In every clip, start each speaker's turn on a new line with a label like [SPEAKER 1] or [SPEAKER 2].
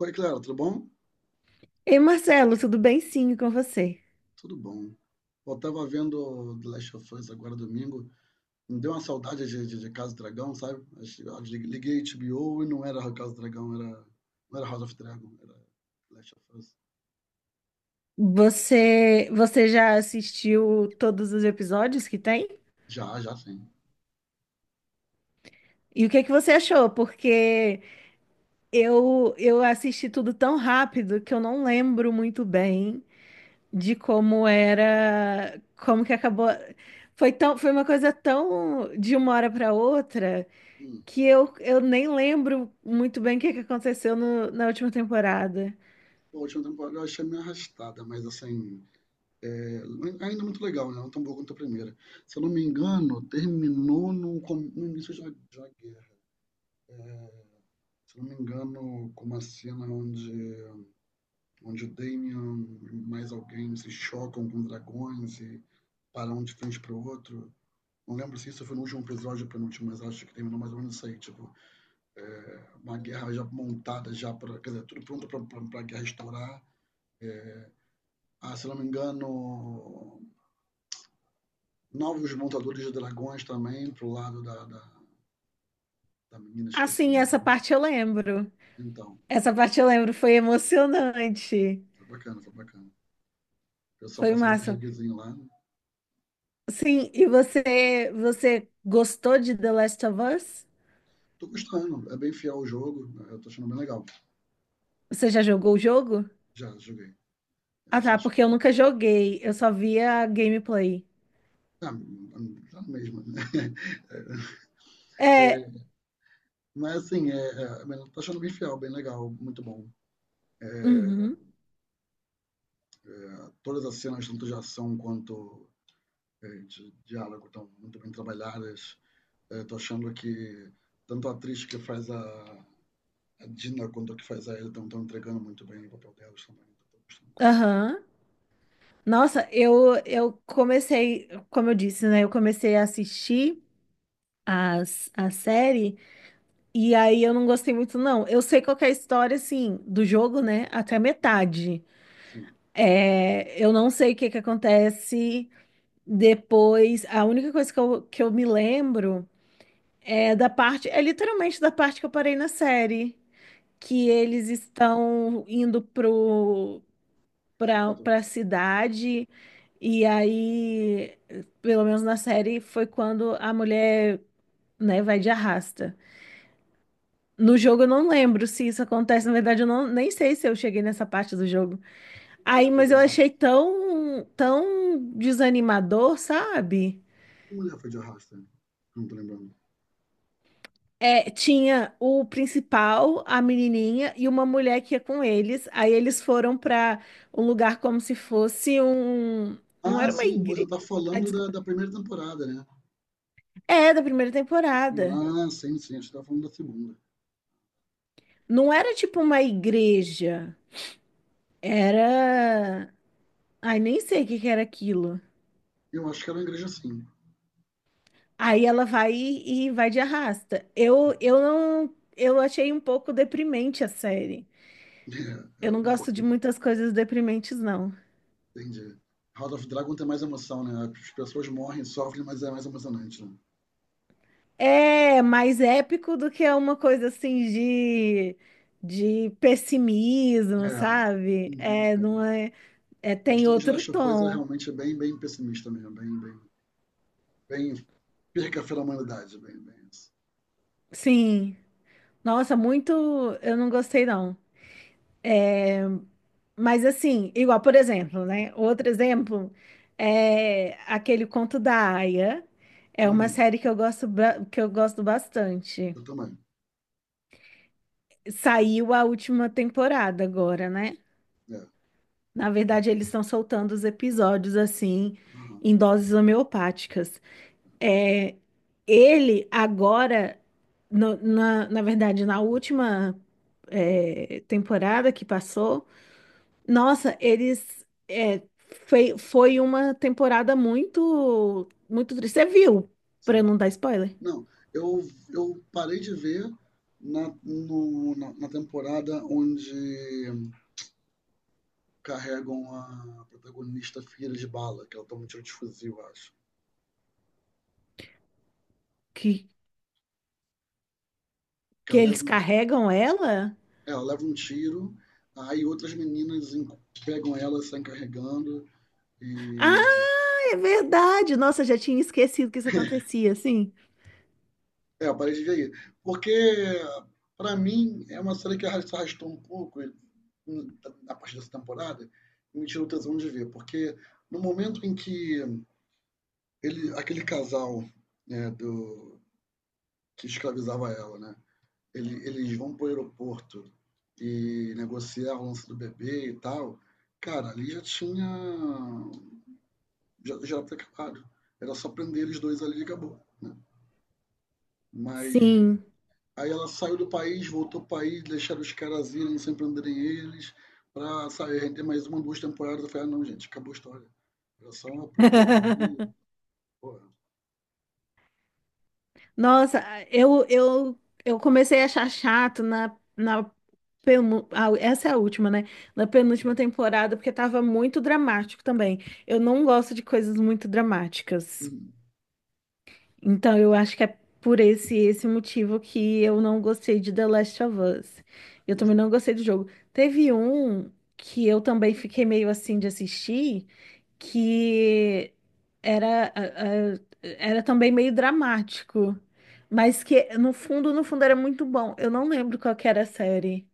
[SPEAKER 1] Oi, Clara, tudo bom?
[SPEAKER 2] Ei, Marcelo, tudo bem? Sim, com você.
[SPEAKER 1] Tudo bom. Eu tava vendo The Last of Us agora domingo, me deu uma saudade de Casa do Dragão, sabe? Eu liguei HBO e não era Casa do Dragão, era, não era House of Dragon, era The Last of Us.
[SPEAKER 2] Você já assistiu todos os episódios que tem?
[SPEAKER 1] Já, sim.
[SPEAKER 2] E o que é que você achou? Porque eu assisti tudo tão rápido que eu não lembro muito bem de como era, como que acabou. Foi uma coisa tão de uma hora para outra
[SPEAKER 1] Hum.
[SPEAKER 2] que eu nem lembro muito bem o que é que aconteceu na última temporada.
[SPEAKER 1] Pô, a última temporada eu achei meio arrastada, mas assim, é, ainda muito legal, né? Não tão boa quanto a primeira. Se eu não me engano, terminou no início da uma guerra. É, Se eu não me engano, com uma cena onde onde o Damian e mais alguém se chocam com dragões e param um de frente para o outro. Não lembro se isso foi no último episódio ou penúltimo, mas acho que terminou mais ou menos isso aí. Tipo, é, uma guerra já montada, já pra, quer dizer, tudo pronto pra guerra estourar. É, se não me engano, novos montadores de dragões também pro lado da menina esquecida.
[SPEAKER 2] Assim, essa parte eu lembro.
[SPEAKER 1] Então,
[SPEAKER 2] Essa parte eu lembro, foi emocionante.
[SPEAKER 1] foi bacana, foi bacana. O pessoal
[SPEAKER 2] Foi o
[SPEAKER 1] passando um
[SPEAKER 2] máximo.
[SPEAKER 1] perreguezinho lá.
[SPEAKER 2] Sim, e você gostou de The Last of Us?
[SPEAKER 1] Tô gostando, é bem fiel o jogo, eu tô achando bem legal.
[SPEAKER 2] Você já jogou o jogo?
[SPEAKER 1] Já joguei.
[SPEAKER 2] Ah, tá,
[SPEAKER 1] Chateado.
[SPEAKER 2] porque eu nunca joguei, eu só via gameplay.
[SPEAKER 1] Ah, tá na mesma, né? É,
[SPEAKER 2] É,
[SPEAKER 1] é, mas assim, eu tô achando bem fiel, bem legal, muito bom. É, é,
[SPEAKER 2] uhum,
[SPEAKER 1] todas as cenas, tanto de ação quanto de diálogo, estão muito bem trabalhadas. É, tô achando que tanto a atriz que faz a Dina quanto a que faz a Ellie estão entregando muito bem o papel delas também. Tô gostando, sim.
[SPEAKER 2] aham. Nossa, eu comecei, como eu disse, né? Eu comecei a assistir a série e aí eu não gostei muito, não. Eu sei qual que é a história, assim, do jogo, né? Até a metade.
[SPEAKER 1] Sim.
[SPEAKER 2] É, eu não sei o que que acontece depois. A única coisa que eu me lembro é da parte, é literalmente da parte que eu parei na série, que
[SPEAKER 1] Ó,
[SPEAKER 2] eles estão indo
[SPEAKER 1] esse ato,
[SPEAKER 2] pra cidade, e aí, pelo menos na série, foi quando a mulher, né, vai de arrasta. No jogo eu não lembro se isso acontece, na verdade eu não, nem sei se eu cheguei nessa parte do jogo.
[SPEAKER 1] que
[SPEAKER 2] Aí,
[SPEAKER 1] mulher foi
[SPEAKER 2] mas
[SPEAKER 1] de
[SPEAKER 2] eu achei
[SPEAKER 1] arrasta.
[SPEAKER 2] tão desanimador, sabe?
[SPEAKER 1] Que mulher foi de arrasto? Não tô lembrando.
[SPEAKER 2] É, tinha o principal, a menininha e uma mulher que ia com eles. Aí eles foram para um lugar como se fosse um. Não
[SPEAKER 1] Ah,
[SPEAKER 2] era uma
[SPEAKER 1] sim, você
[SPEAKER 2] igreja.
[SPEAKER 1] tá
[SPEAKER 2] Ah,
[SPEAKER 1] falando
[SPEAKER 2] desculpa.
[SPEAKER 1] da primeira temporada, né?
[SPEAKER 2] É, da primeira temporada.
[SPEAKER 1] Ah, sim, sim, a gente estava falando da segunda.
[SPEAKER 2] Não era tipo uma igreja. Era. Ai, nem sei o que que era aquilo.
[SPEAKER 1] Eu acho que era uma igreja, sim.
[SPEAKER 2] Aí ela vai e vai de arrasta. Eu não. Eu achei um pouco deprimente a série.
[SPEAKER 1] É,
[SPEAKER 2] Eu não
[SPEAKER 1] um
[SPEAKER 2] gosto de
[SPEAKER 1] pouquinho.
[SPEAKER 2] muitas coisas deprimentes, não.
[SPEAKER 1] Entendi. House of Dragon tem mais emoção, né? As pessoas morrem, sofrem, mas é mais emocionante, né?
[SPEAKER 2] É mais épico do que é uma coisa assim de pessimismo,
[SPEAKER 1] É.
[SPEAKER 2] sabe?
[SPEAKER 1] Uhum,
[SPEAKER 2] É,
[SPEAKER 1] é.
[SPEAKER 2] não é, é,
[SPEAKER 1] A
[SPEAKER 2] tem
[SPEAKER 1] história de
[SPEAKER 2] outro
[SPEAKER 1] Last of Us é
[SPEAKER 2] tom.
[SPEAKER 1] realmente bem, bem pessimista mesmo, bem perca a fé da humanidade, bem, bem isso.
[SPEAKER 2] Sim. Nossa, muito eu não gostei, não. Mas assim, igual, por exemplo, né? Outro exemplo é aquele Conto da Aia. É uma
[SPEAKER 1] Uhum,
[SPEAKER 2] série que eu gosto, que eu gosto bastante.
[SPEAKER 1] eu também.
[SPEAKER 2] Saiu a última temporada agora, né?
[SPEAKER 1] É.
[SPEAKER 2] Na verdade, eles estão soltando os episódios assim,
[SPEAKER 1] Aham,
[SPEAKER 2] em doses homeopáticas. É, ele agora, na verdade, na última é, temporada que passou, nossa, eles é, foi uma temporada muito triste. Você viu, para
[SPEAKER 1] sim.
[SPEAKER 2] não dar spoiler,
[SPEAKER 1] Não, eu, eu parei de ver na, no- na, na temporada onde carregam a protagonista filha de bala, que ela toma um tiro de fuzil, eu acho.
[SPEAKER 2] que,
[SPEAKER 1] Que
[SPEAKER 2] que
[SPEAKER 1] ela
[SPEAKER 2] eles
[SPEAKER 1] leva, um-
[SPEAKER 2] carregam ela?
[SPEAKER 1] É, ela leva um tiro, aí pegam ela, saem carregando e...
[SPEAKER 2] Ah, é verdade! Nossa, já tinha esquecido que isso acontecia, sim.
[SPEAKER 1] É, eu parei de ver aí. Porque, pra mim, é uma série que se arrastou um pouco e, hum, a partir dessa temporada e me tirou o tesão de ver. Porque no momento em que aquele casal, né, do, que escravizava ela, né, eles vão para o aeroporto e negociar o lance do bebê e tal, cara, ali já tinha. Já era acabado. Era só prender eles dois ali e acabou. Né? Mas
[SPEAKER 2] Sim.
[SPEAKER 1] aí ela saiu do país, voltou para o país, deixaram os caras irem sem prenderem eles, para sair render mais uma, duas temporadas. Eu falei, ah, não, gente, acabou a história. Era só aprender ali. Porra,
[SPEAKER 2] Nossa, eu, eu, eu comecei a achar chato na ah, essa é a última, né? Na penúltima temporada, porque tava muito dramático também. Eu não gosto de coisas muito dramáticas.
[SPEAKER 1] hum,
[SPEAKER 2] Então eu acho que é por esse motivo que eu não gostei de The Last of Us. Eu também
[SPEAKER 1] justo.
[SPEAKER 2] não gostei do jogo. Teve um que eu também fiquei meio assim de assistir que era, era também meio dramático, mas que no fundo era muito bom. Eu não lembro qual que era a série.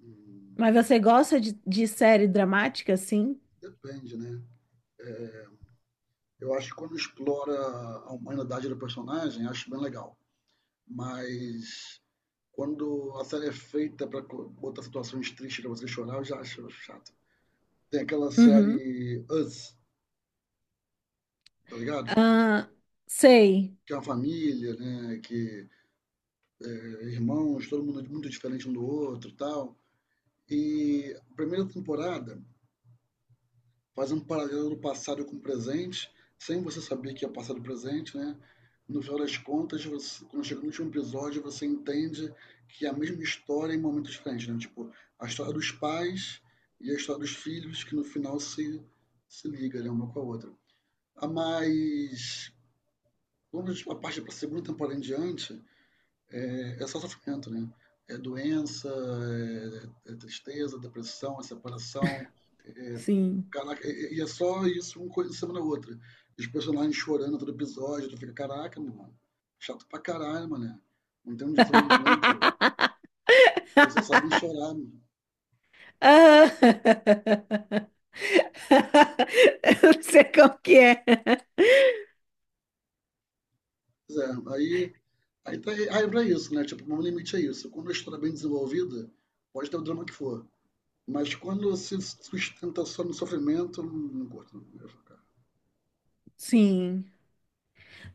[SPEAKER 1] Hum,
[SPEAKER 2] Mas você gosta de série dramática, assim?
[SPEAKER 1] depende, né? É, eu acho que quando explora a humanidade do personagem, acho bem legal. Mas quando a série é feita para botar situações tristes pra você chorar, eu já acho chato. Tem aquela
[SPEAKER 2] Uhum.
[SPEAKER 1] série Us, tá ligado?
[SPEAKER 2] Ah, sei,
[SPEAKER 1] Que é uma família, né? Que é irmãos, todo mundo muito diferente um do outro e tal. E a primeira temporada fazendo um paralelo do passado com o presente, sem você saber que é passado e presente, né? No final das contas, você, quando chega no último episódio, você entende que é a mesma história em momentos diferentes, né? Tipo, a história dos pais e a história dos filhos, que no final se liga, né? Uma com a outra. Ah, mas, quando a parte para a segunda temporada em diante, é só sofrimento, né? É doença, é tristeza, depressão, é separação.
[SPEAKER 2] sim.
[SPEAKER 1] Caraca, e é só isso, uma coisa em cima da outra. Os personagens chorando todo episódio, tu fica, caraca, mano, chato pra caralho, mano. Não tem um desenvolvimento, você só sabe chorar, mano.
[SPEAKER 2] Ah, Eu não sei qual que é.
[SPEAKER 1] Pois é, aí é pra isso, né? Tipo, o meu limite é isso. Quando a história é bem desenvolvida, pode ter o drama que for. Mas quando se sustenta só no sofrimento, eu não curto. Não. Eu fico, cara,
[SPEAKER 2] Sim.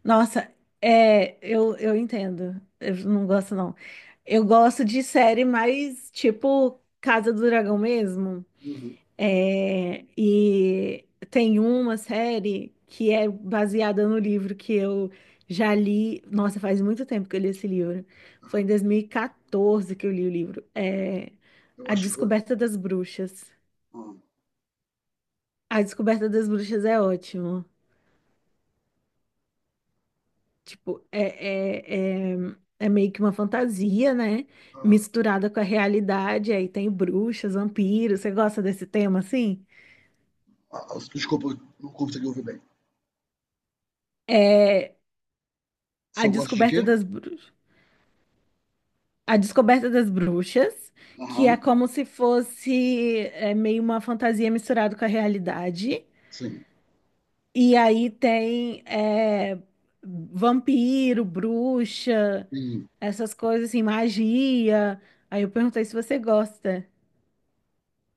[SPEAKER 2] Nossa, é, eu entendo. Eu não gosto, não. Eu gosto de série mais tipo Casa do Dragão mesmo.
[SPEAKER 1] uhum,
[SPEAKER 2] É, e tem uma série que é baseada no livro que eu já li. Nossa, faz muito tempo que eu li esse livro. Foi em
[SPEAKER 1] aham.
[SPEAKER 2] 2014 que eu li o livro. É
[SPEAKER 1] Eu
[SPEAKER 2] A
[SPEAKER 1] acho que.
[SPEAKER 2] Descoberta das Bruxas.
[SPEAKER 1] Ah,
[SPEAKER 2] A Descoberta das Bruxas é ótimo. Tipo, é, é, é meio que uma fantasia, né?
[SPEAKER 1] ah,
[SPEAKER 2] Misturada com a realidade. Aí tem bruxas, vampiros. Você gosta desse tema, assim?
[SPEAKER 1] desculpa, eu não consegui ouvir bem.
[SPEAKER 2] É
[SPEAKER 1] Se
[SPEAKER 2] A
[SPEAKER 1] eu gosto de
[SPEAKER 2] descoberta
[SPEAKER 1] quê?
[SPEAKER 2] das bruxas. A descoberta das bruxas, que é
[SPEAKER 1] Aham,
[SPEAKER 2] como se fosse é, meio uma fantasia misturada com a realidade.
[SPEAKER 1] sim.
[SPEAKER 2] E aí tem é, vampiro, bruxa,
[SPEAKER 1] Sim.
[SPEAKER 2] essas coisas assim, magia. Aí eu perguntei se você gosta.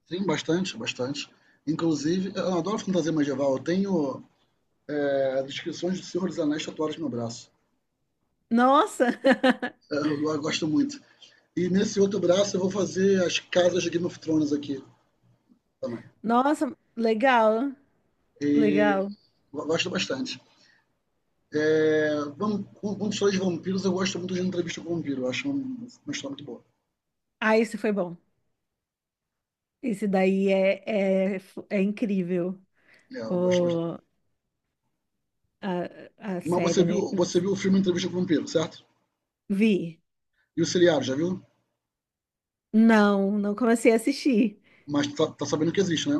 [SPEAKER 1] Sim, bastante, bastante. Inclusive, eu adoro fantasia medieval. Eu tenho as descrições do Senhor dos Anéis tatuadas no meu braço.
[SPEAKER 2] Nossa!
[SPEAKER 1] É, eu gosto muito. E nesse outro braço eu vou fazer as casas de Game of Thrones aqui também.
[SPEAKER 2] Nossa, legal,
[SPEAKER 1] E
[SPEAKER 2] legal.
[SPEAKER 1] gosto bastante. É, vamos, com histórias de vampiros, eu gosto muito de Entrevista com o Vampiro. Eu acho uma história muito boa.
[SPEAKER 2] Ah, esse foi bom. Esse daí é incrível,
[SPEAKER 1] É, eu gosto bastante.
[SPEAKER 2] o, a
[SPEAKER 1] Mas
[SPEAKER 2] série, né? Eu
[SPEAKER 1] você viu o filme Entrevista com o Vampiro, certo?
[SPEAKER 2] vi.
[SPEAKER 1] E o seriado, já viu?
[SPEAKER 2] Não, não comecei a assistir.
[SPEAKER 1] Mas tá, tá sabendo que existe, né?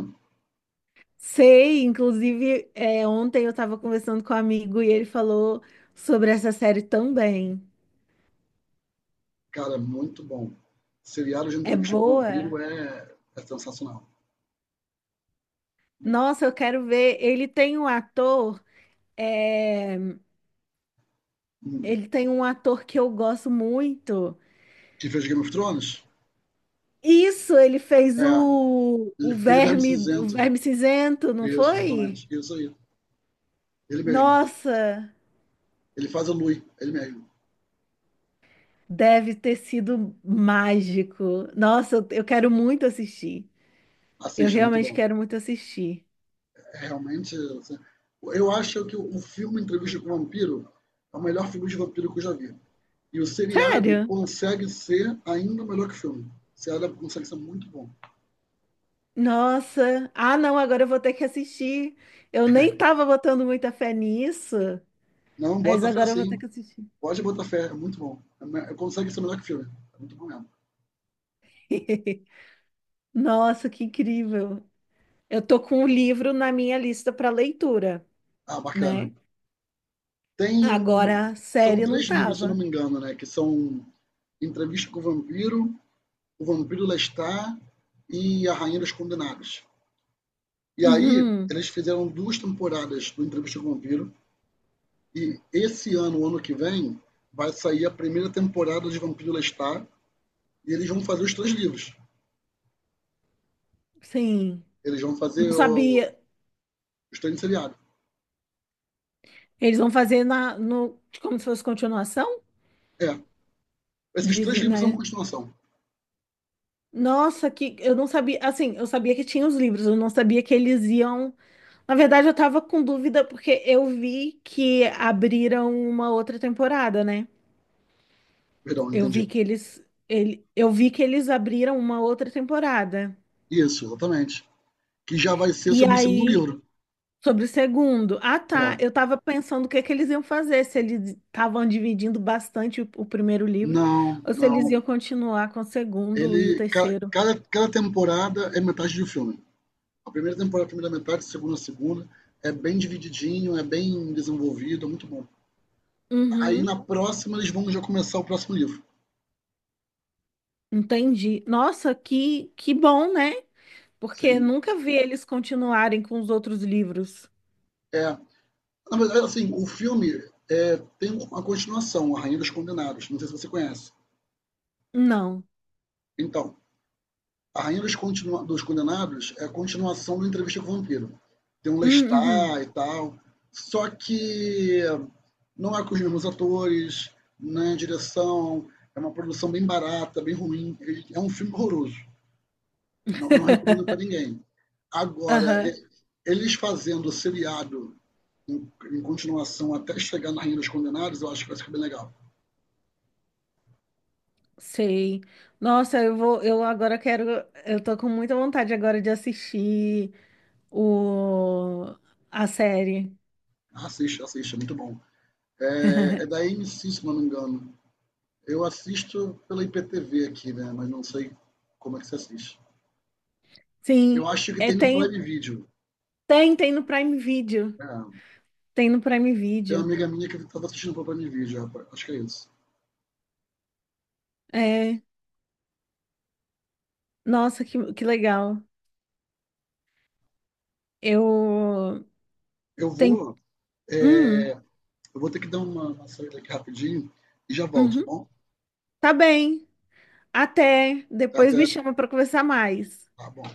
[SPEAKER 2] Sei, inclusive, é, ontem eu estava conversando com um amigo e ele falou sobre essa série também.
[SPEAKER 1] Cara, muito bom. Seriado de
[SPEAKER 2] É
[SPEAKER 1] entrevista com vampiro
[SPEAKER 2] boa?
[SPEAKER 1] é sensacional.
[SPEAKER 2] Nossa, eu quero ver. Ele tem um ator, é,
[SPEAKER 1] Hum.
[SPEAKER 2] ele tem um ator que eu gosto muito.
[SPEAKER 1] Que fez Game of Thrones?
[SPEAKER 2] Isso, ele fez
[SPEAKER 1] É. Ele fez Verme
[SPEAKER 2] o
[SPEAKER 1] Cinzento.
[SPEAKER 2] verme cinzento, não
[SPEAKER 1] Isso,
[SPEAKER 2] foi?
[SPEAKER 1] exatamente. Isso aí. Ele mesmo.
[SPEAKER 2] Nossa,
[SPEAKER 1] Ele faz o Louis, ele mesmo.
[SPEAKER 2] deve ter sido mágico. Nossa, eu quero muito assistir. Eu
[SPEAKER 1] Assista, é muito
[SPEAKER 2] realmente
[SPEAKER 1] bom.
[SPEAKER 2] quero muito assistir.
[SPEAKER 1] É realmente. Assim, eu acho que o filme Entrevista com o Vampiro é o melhor filme de vampiro que eu já vi. E o seriado
[SPEAKER 2] Sério?
[SPEAKER 1] consegue ser ainda melhor que o filme. O seriado consegue ser muito bom.
[SPEAKER 2] Nossa. Ah, não, agora eu vou ter que assistir. Eu nem tava botando muita fé nisso,
[SPEAKER 1] Não
[SPEAKER 2] mas
[SPEAKER 1] bota fé
[SPEAKER 2] agora eu vou ter
[SPEAKER 1] assim.
[SPEAKER 2] que assistir.
[SPEAKER 1] Pode botar fé, é muito bom. É, consegue ser melhor que o filme. É muito bom mesmo.
[SPEAKER 2] Nossa, que incrível. Eu tô com o livro na minha lista para leitura,
[SPEAKER 1] Ah, bacana.
[SPEAKER 2] né?
[SPEAKER 1] Tem.
[SPEAKER 2] Agora,
[SPEAKER 1] São
[SPEAKER 2] série não
[SPEAKER 1] três livros, se eu não
[SPEAKER 2] tava.
[SPEAKER 1] me engano, né? Que são Entrevista com o Vampiro, O Vampiro Lestat e A Rainha dos Condenados. E aí,
[SPEAKER 2] Uhum,
[SPEAKER 1] eles fizeram duas temporadas do Entrevista com o Vampiro. E esse ano, ano que vem, vai sair a primeira temporada de Vampiro Lestat. E eles vão fazer os três livros.
[SPEAKER 2] sim.
[SPEAKER 1] Eles vão
[SPEAKER 2] Não
[SPEAKER 1] fazer o...
[SPEAKER 2] sabia.
[SPEAKER 1] os três seriados.
[SPEAKER 2] Eles vão fazer na, no, como se fosse continuação?
[SPEAKER 1] É. Esses
[SPEAKER 2] Diz,
[SPEAKER 1] três livros são
[SPEAKER 2] né?
[SPEAKER 1] continuação.
[SPEAKER 2] Nossa, que eu não sabia. Assim, eu sabia que tinha os livros, eu não sabia que eles iam. Na verdade, eu tava com dúvida porque eu vi que abriram uma outra temporada, né?
[SPEAKER 1] Perdão,
[SPEAKER 2] Eu
[SPEAKER 1] entendi.
[SPEAKER 2] vi que eles, ele, eu vi que eles abriram uma outra temporada.
[SPEAKER 1] Isso, exatamente. Que já vai ser
[SPEAKER 2] E
[SPEAKER 1] sobre o segundo
[SPEAKER 2] aí
[SPEAKER 1] livro.
[SPEAKER 2] sobre o segundo. Ah, tá.
[SPEAKER 1] É.
[SPEAKER 2] Eu estava pensando o que é que eles iam fazer, se eles estavam dividindo bastante o primeiro livro,
[SPEAKER 1] Não,
[SPEAKER 2] ou se eles iam
[SPEAKER 1] não.
[SPEAKER 2] continuar com o segundo e o
[SPEAKER 1] Ele,
[SPEAKER 2] terceiro.
[SPEAKER 1] cada temporada é metade de um filme. A primeira temporada, a primeira metade, a segunda, a segunda. É bem divididinho, é bem desenvolvido, é muito bom. Aí
[SPEAKER 2] Uhum,
[SPEAKER 1] na próxima eles vão já começar o próximo livro.
[SPEAKER 2] entendi. Nossa, que bom, né? Porque
[SPEAKER 1] Sim?
[SPEAKER 2] nunca vi eles continuarem com os outros livros.
[SPEAKER 1] É. Na verdade, assim, o filme tem uma continuação, A Rainha dos Condenados. Não sei se você conhece.
[SPEAKER 2] Não.
[SPEAKER 1] Então, A Rainha dos Condenados é a continuação do Entrevista com o Vampiro. Tem um
[SPEAKER 2] Hum, uhum.
[SPEAKER 1] Lestat e tal. Só que não é com os mesmos atores, né? Direção, é uma produção bem barata, bem ruim. É um filme horroroso. Não, não recomendo para ninguém. Agora,
[SPEAKER 2] Aham,
[SPEAKER 1] eles fazendo o seriado em continuação até chegar na Rainha dos Condenados, eu acho que vai ficar bem legal.
[SPEAKER 2] sei. Nossa, eu vou, eu agora quero, eu tô com muita vontade agora de assistir o, a série.
[SPEAKER 1] Assista, assista, é muito bom. É, é da AMC, se não me engano. Eu assisto pela IPTV aqui, né? Mas não sei como é que se assiste.
[SPEAKER 2] Sim,
[SPEAKER 1] Eu acho que
[SPEAKER 2] é,
[SPEAKER 1] tem no Prime Video.
[SPEAKER 2] tem no Prime Video.
[SPEAKER 1] É.
[SPEAKER 2] Tem no Prime
[SPEAKER 1] Tem uma
[SPEAKER 2] Video.
[SPEAKER 1] amiga minha que estava assistindo pelo Prime Video, rapaz. Acho que é isso.
[SPEAKER 2] É, nossa, que legal. Eu
[SPEAKER 1] Eu
[SPEAKER 2] Tem,
[SPEAKER 1] vou, é,
[SPEAKER 2] hum,
[SPEAKER 1] eu vou ter que dar uma saída aqui rapidinho e já volto, tá
[SPEAKER 2] uhum,
[SPEAKER 1] bom?
[SPEAKER 2] tá bem. Até depois me
[SPEAKER 1] Até,
[SPEAKER 2] chama para conversar mais.
[SPEAKER 1] tá bom.